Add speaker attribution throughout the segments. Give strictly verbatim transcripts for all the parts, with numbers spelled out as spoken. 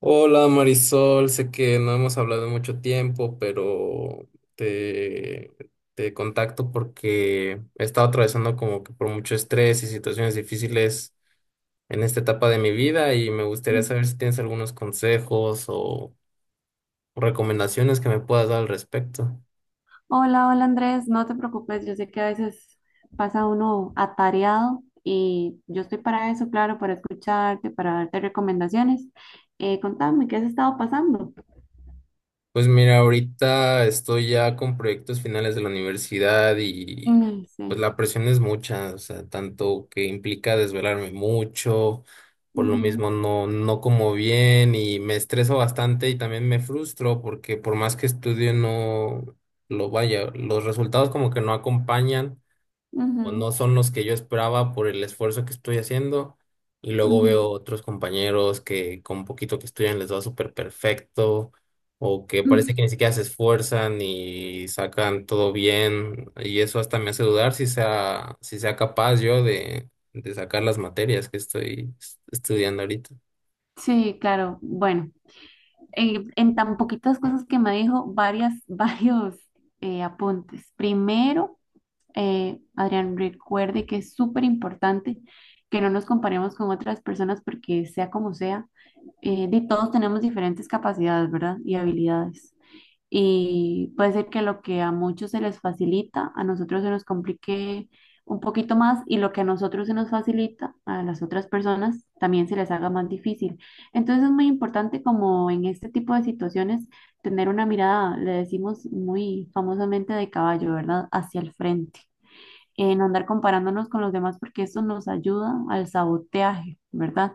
Speaker 1: Hola Marisol, sé que no hemos hablado en mucho tiempo, pero te, te contacto porque he estado atravesando como que por mucho estrés y situaciones difíciles en esta etapa de mi vida y me gustaría saber si tienes algunos consejos o recomendaciones que me puedas dar al respecto.
Speaker 2: Hola, hola Andrés, no te preocupes, yo sé que a veces pasa uno atareado y yo estoy para eso, claro, para escucharte, para darte recomendaciones. Eh, contame, ¿qué has estado pasando?
Speaker 1: Pues mira, ahorita estoy ya con proyectos finales de la universidad y
Speaker 2: Mm,
Speaker 1: pues
Speaker 2: sí.
Speaker 1: la presión es mucha, o sea, tanto que implica desvelarme mucho, por lo
Speaker 2: Ujú,
Speaker 1: mismo no, no como bien y me estreso bastante y también me frustro porque por más que estudio no lo vaya, los resultados como que no acompañan o no
Speaker 2: ujú,
Speaker 1: son los que yo esperaba por el esfuerzo que estoy haciendo. Y luego
Speaker 2: ujú.
Speaker 1: veo otros compañeros que con poquito que estudian les va súper perfecto, o que parece
Speaker 2: Mm,
Speaker 1: que ni siquiera se esfuerzan y sacan todo bien. Y eso hasta me hace dudar si sea, si sea capaz yo de, de sacar las materias que estoy es- estudiando ahorita.
Speaker 2: sí, claro, bueno, eh, en tan poquitas cosas que me dijo, varias, varios eh, apuntes. Primero, eh, Adrián, recuerde que es súper importante que no nos comparemos con otras personas porque sea como sea, eh, de todos tenemos diferentes capacidades, ¿verdad? Y habilidades. Y puede ser que lo que a muchos se les facilita, a nosotros se nos complique un poquito más y lo que a nosotros se nos facilita, a las otras personas también se les haga más difícil. Entonces es muy importante como en este tipo de situaciones tener una mirada, le decimos muy famosamente de caballo, ¿verdad? Hacia el frente en andar comparándonos con los demás porque eso nos ayuda al saboteaje, ¿verdad?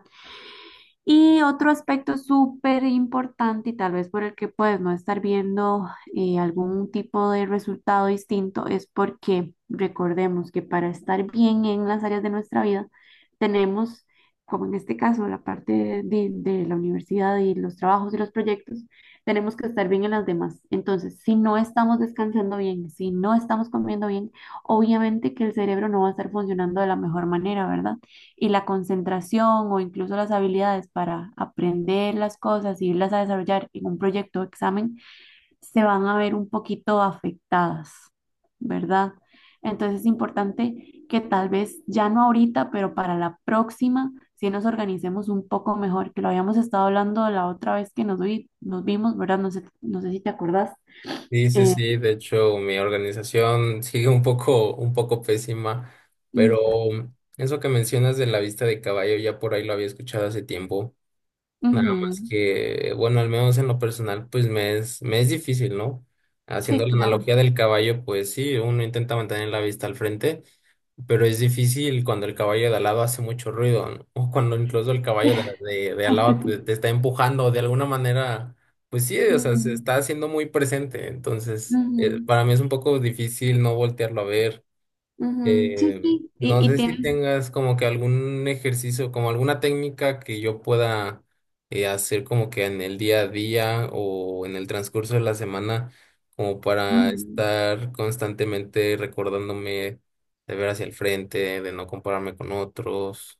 Speaker 2: Y otro aspecto súper importante y tal vez por el que puedes no estar viendo eh, algún tipo de resultado distinto es porque recordemos que para estar bien en las áreas de nuestra vida tenemos, como en este caso, la parte de, de la universidad y los trabajos y los proyectos, tenemos que estar bien en las demás. Entonces, si no estamos descansando bien, si no estamos comiendo bien, obviamente que el cerebro no va a estar funcionando de la mejor manera, ¿verdad? Y la concentración o incluso las habilidades para aprender las cosas y irlas a desarrollar en un proyecto o examen se van a ver un poquito afectadas, ¿verdad? Entonces es importante que tal vez ya no ahorita, pero para la próxima, si nos organicemos un poco mejor, que lo habíamos estado hablando la otra vez que nos, vi- nos vimos, ¿verdad? No sé, no sé si te acordás.
Speaker 1: Sí, sí,
Speaker 2: Eh,
Speaker 1: sí, de hecho mi organización sigue un poco, un poco pésima, pero
Speaker 2: mm,
Speaker 1: eso que mencionas de la vista de caballo ya por ahí lo había escuchado hace tiempo. Nada
Speaker 2: ujú.
Speaker 1: más que, bueno, al menos en lo personal, pues me es, me es difícil, ¿no?
Speaker 2: Sí,
Speaker 1: Haciendo la
Speaker 2: claro.
Speaker 1: analogía del caballo, pues sí, uno intenta mantener la vista al frente, pero es difícil cuando el caballo de al lado hace mucho ruido, ¿no? O cuando incluso el caballo de, de, de al lado te, te está empujando de alguna manera, pues sí, o sea, se
Speaker 2: Mm,
Speaker 1: está haciendo muy presente. Entonces, eh,
Speaker 2: ujú.
Speaker 1: para mí es un poco difícil no voltearlo a ver.
Speaker 2: Ujú, sí,
Speaker 1: Eh,
Speaker 2: sí, y,
Speaker 1: no
Speaker 2: y
Speaker 1: sé si
Speaker 2: tienes,
Speaker 1: tengas como que algún ejercicio, como alguna técnica que yo pueda eh, hacer como que en el día a día o en el transcurso de la semana, como para
Speaker 2: ujú,
Speaker 1: estar constantemente recordándome de ver hacia el frente, de no compararme con otros.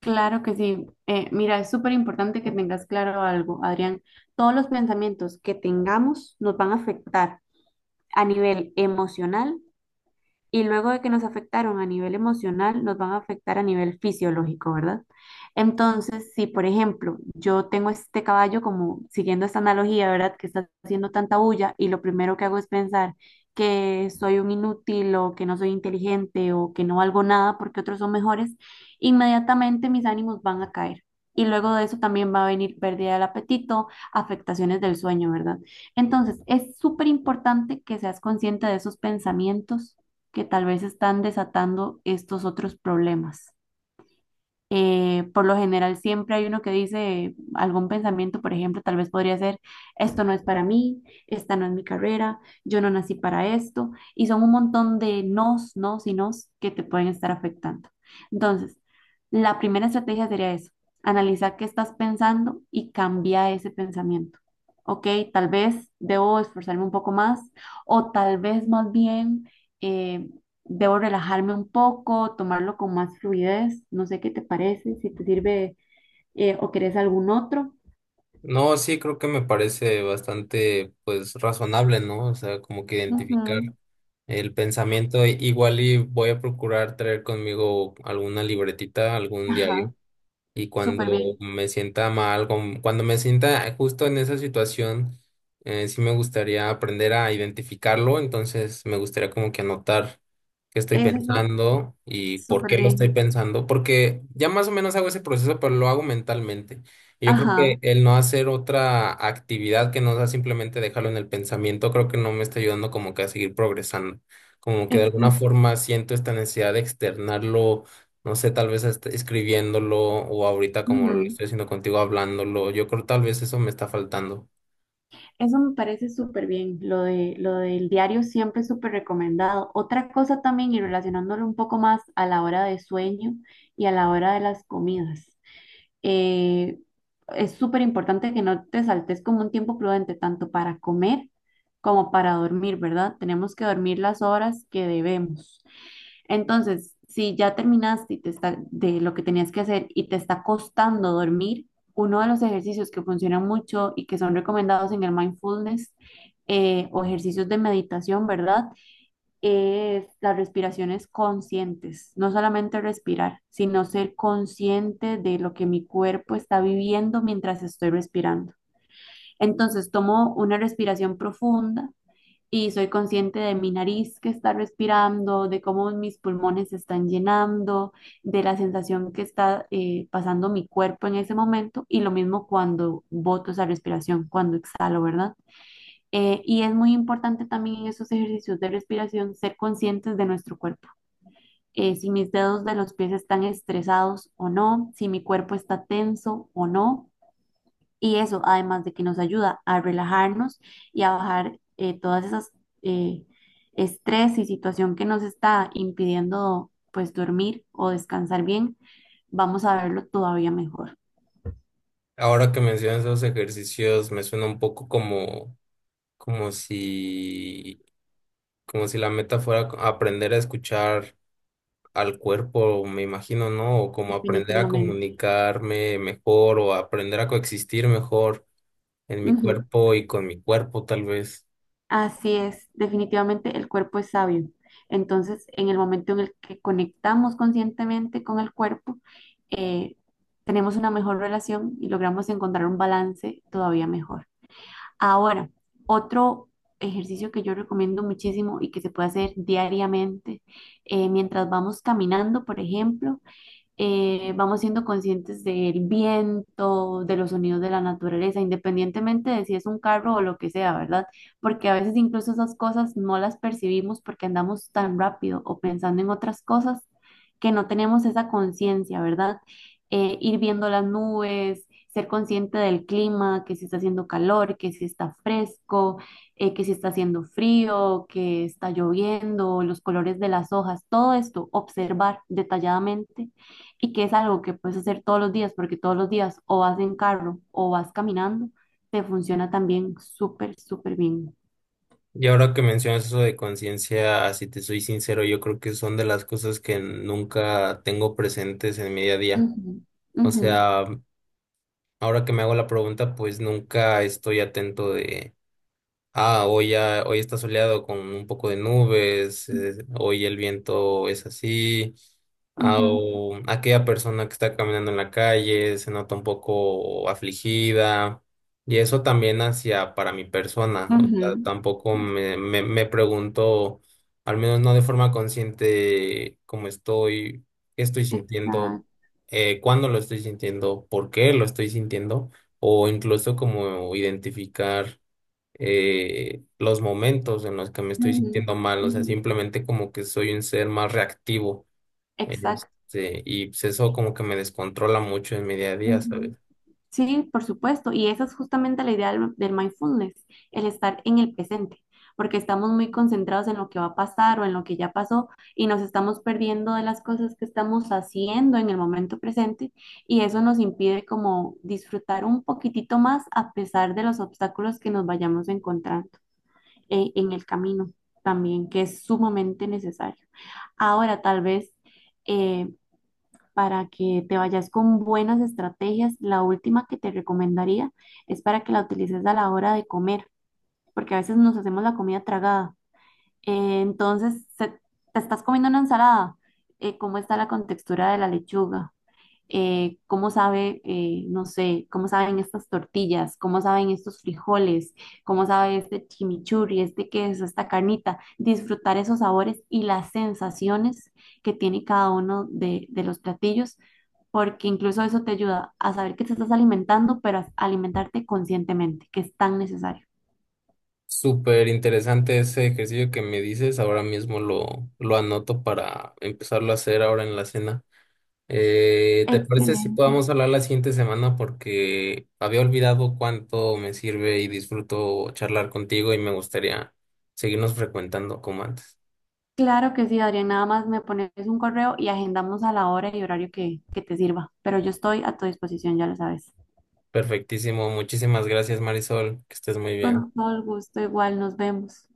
Speaker 2: claro que sí. Eh, mira, es súper importante que tengas claro algo, Adrián. Todos los pensamientos que tengamos nos van a afectar a nivel emocional y luego de que nos afectaron a nivel emocional, nos van a afectar a nivel fisiológico, ¿verdad? Entonces, si por ejemplo yo tengo este caballo como siguiendo esta analogía, ¿verdad? Que está haciendo tanta bulla y lo primero que hago es pensar que soy un inútil o que no soy inteligente o que no valgo nada porque otros son mejores, inmediatamente mis ánimos van a caer. Y luego de eso también va a venir pérdida del apetito, afectaciones del sueño, ¿verdad? Entonces, es súper importante que seas consciente de esos pensamientos que tal vez están desatando estos otros problemas. Eh, por lo general siempre hay uno que dice algún pensamiento, por ejemplo, tal vez podría ser, esto no es para mí, esta no es mi carrera, yo no nací para esto, y son un montón de nos, nos y nos que te pueden estar afectando. Entonces, la primera estrategia sería eso, analizar qué estás pensando y cambiar ese pensamiento. Ok, tal vez debo esforzarme un poco más o tal vez más bien... eh, debo relajarme un poco, tomarlo con más fluidez, no sé qué te parece, si te sirve eh, o querés algún otro.
Speaker 1: No, sí, creo que me parece bastante pues razonable, ¿no? O sea, como que identificar
Speaker 2: Ujú,
Speaker 1: el pensamiento, igual y voy a procurar traer conmigo alguna libretita, algún
Speaker 2: ajá,
Speaker 1: diario. Y cuando
Speaker 2: súper bien.
Speaker 1: me sienta mal, con- cuando me sienta justo en esa situación, eh, sí me gustaría aprender a identificarlo, entonces me gustaría como que anotar qué estoy
Speaker 2: Eso es lo-
Speaker 1: pensando y por
Speaker 2: Súper
Speaker 1: qué lo estoy
Speaker 2: bien.
Speaker 1: pensando, porque ya más o menos hago ese proceso, pero lo hago mentalmente. Y yo creo que
Speaker 2: Ajá,
Speaker 1: el no hacer otra actividad que no sea simplemente dejarlo en el pensamiento, creo que no me está ayudando como que a seguir progresando. Como que de alguna
Speaker 2: exacto.
Speaker 1: forma siento esta necesidad de externarlo, no sé, tal vez hasta escribiéndolo o ahorita como lo
Speaker 2: Ujú.
Speaker 1: estoy haciendo contigo hablándolo. Yo creo tal vez eso me está faltando.
Speaker 2: Eso me parece súper bien, lo de, lo del diario siempre es súper recomendado. Otra cosa también, y relacionándolo un poco más a la hora de sueño y a la hora de las comidas. eh, es súper importante que no te saltes como un tiempo prudente, tanto para comer como para dormir, ¿verdad? Tenemos que dormir las horas que debemos. Entonces, si ya terminaste y te está, de lo que tenías que hacer y te está costando dormir, uno de los ejercicios que funcionan mucho y que son recomendados en el mindfulness eh, o ejercicios de meditación, ¿verdad? Es las respiraciones conscientes, no solamente respirar, sino ser consciente de lo que mi cuerpo está viviendo mientras estoy respirando. Entonces tomo una respiración profunda y soy consciente de mi nariz que está respirando, de cómo mis pulmones se están llenando, de la sensación que está eh, pasando mi cuerpo en ese momento y lo mismo cuando boto esa respiración, cuando exhalo, ¿verdad? Eh, y es muy importante también en esos ejercicios de respiración ser conscientes de nuestro cuerpo. Eh, si mis dedos de los pies están estresados o no, si mi cuerpo está tenso o no. Y eso, además de que nos ayuda a relajarnos y a bajar eh, todas esas eh, estrés y situación que nos está impidiendo pues dormir o descansar bien, vamos a verlo todavía mejor,
Speaker 1: Ahora que mencionas esos ejercicios, me suena un poco como, como si, como si la meta fuera co- aprender a escuchar al cuerpo, me imagino, ¿no? O como aprender a
Speaker 2: definitivamente.
Speaker 1: comunicarme mejor o aprender a coexistir mejor en mi
Speaker 2: Ujú.
Speaker 1: cuerpo y con mi cuerpo, tal vez.
Speaker 2: Así es, definitivamente el cuerpo es sabio. Entonces, en el momento en el que conectamos conscientemente con el cuerpo, eh, tenemos una mejor relación y logramos encontrar un balance todavía mejor. Ahora, otro ejercicio que yo recomiendo muchísimo y que se puede hacer diariamente, eh, mientras vamos caminando, por ejemplo, eh, vamos siendo conscientes del viento, de los sonidos de la naturaleza, independientemente de si es un carro o lo que sea, ¿verdad? Porque a veces incluso esas cosas no las percibimos porque andamos tan rápido o pensando en otras cosas que no tenemos esa conciencia, ¿verdad? Eh, ir viendo las nubes, ser consciente del clima, que si está haciendo calor, que si está fresco, eh, que si está haciendo frío, que está lloviendo, los colores de las hojas, todo esto, observar detalladamente y que es algo que puedes hacer todos los días, porque todos los días o vas en carro o vas caminando, te funciona también súper, súper bien.
Speaker 1: Y ahora que mencionas eso de conciencia, si te soy sincero, yo creo que son de las cosas que nunca tengo presentes en mi día a día.
Speaker 2: Ujú,
Speaker 1: O
Speaker 2: ujú,
Speaker 1: sea, ahora que me hago la pregunta, pues nunca estoy atento de... Ah, hoy ya, hoy está soleado con un poco de nubes, eh, hoy el viento es así. Ah,
Speaker 2: ujú,
Speaker 1: o aquella persona que está caminando en la calle se nota un poco afligida. Y eso también hacia para mi persona. O
Speaker 2: ujú,
Speaker 1: sea, tampoco
Speaker 2: ujú.
Speaker 1: me, me, me pregunto, al menos no de forma consciente, cómo estoy, qué estoy sintiendo,
Speaker 2: Exacto.
Speaker 1: eh, cuándo lo estoy sintiendo, por qué lo estoy sintiendo, o incluso como identificar eh, los momentos en los que me estoy
Speaker 2: Ujú,
Speaker 1: sintiendo mal, o sea,
Speaker 2: ujú,
Speaker 1: simplemente como que soy un ser más reactivo,
Speaker 2: exacto.
Speaker 1: este, y pues eso como que me descontrola mucho en mi día a día, ¿sabes?
Speaker 2: Ujú. Sí, por supuesto. Y esa es justamente la idea del, del mindfulness, el estar en el presente, porque estamos muy concentrados en lo que va a pasar o en lo que ya pasó y nos estamos perdiendo de las cosas que estamos haciendo en el momento presente y eso nos impide como disfrutar un poquitito más a pesar de los obstáculos que nos vayamos encontrando eh, en el camino también, que es sumamente necesario. Ahora, tal vez... eh, para que te vayas con buenas estrategias. La última que te recomendaría es para que la utilices a la hora de comer, porque a veces nos hacemos la comida tragada. Eh, entonces, se- te estás comiendo una ensalada. Eh, ¿cómo está la contextura de la lechuga? Eh, cómo sabe, eh, no sé, cómo saben estas tortillas, cómo saben estos frijoles, cómo sabe este chimichurri, este queso, esta carnita, disfrutar esos sabores y las sensaciones que tiene cada uno de, de los platillos, porque incluso eso te ayuda a saber que te estás alimentando, pero a alimentarte conscientemente, que es tan necesario.
Speaker 1: Súper interesante ese ejercicio que me dices, ahora mismo lo, lo anoto para empezarlo a hacer ahora en la cena. Eh, ¿te parece si
Speaker 2: Excelente.
Speaker 1: podamos hablar la siguiente semana? Porque había olvidado cuánto me sirve y disfruto charlar contigo y me gustaría seguirnos frecuentando como antes.
Speaker 2: Claro que sí, Adrián. Nada más me pones un correo y agendamos a la hora y horario que, que te sirva. Pero yo estoy a tu disposición, ya lo sabes.
Speaker 1: Perfectísimo. Muchísimas gracias, Marisol. Que estés muy bien.
Speaker 2: Con todo el gusto, igual nos vemos.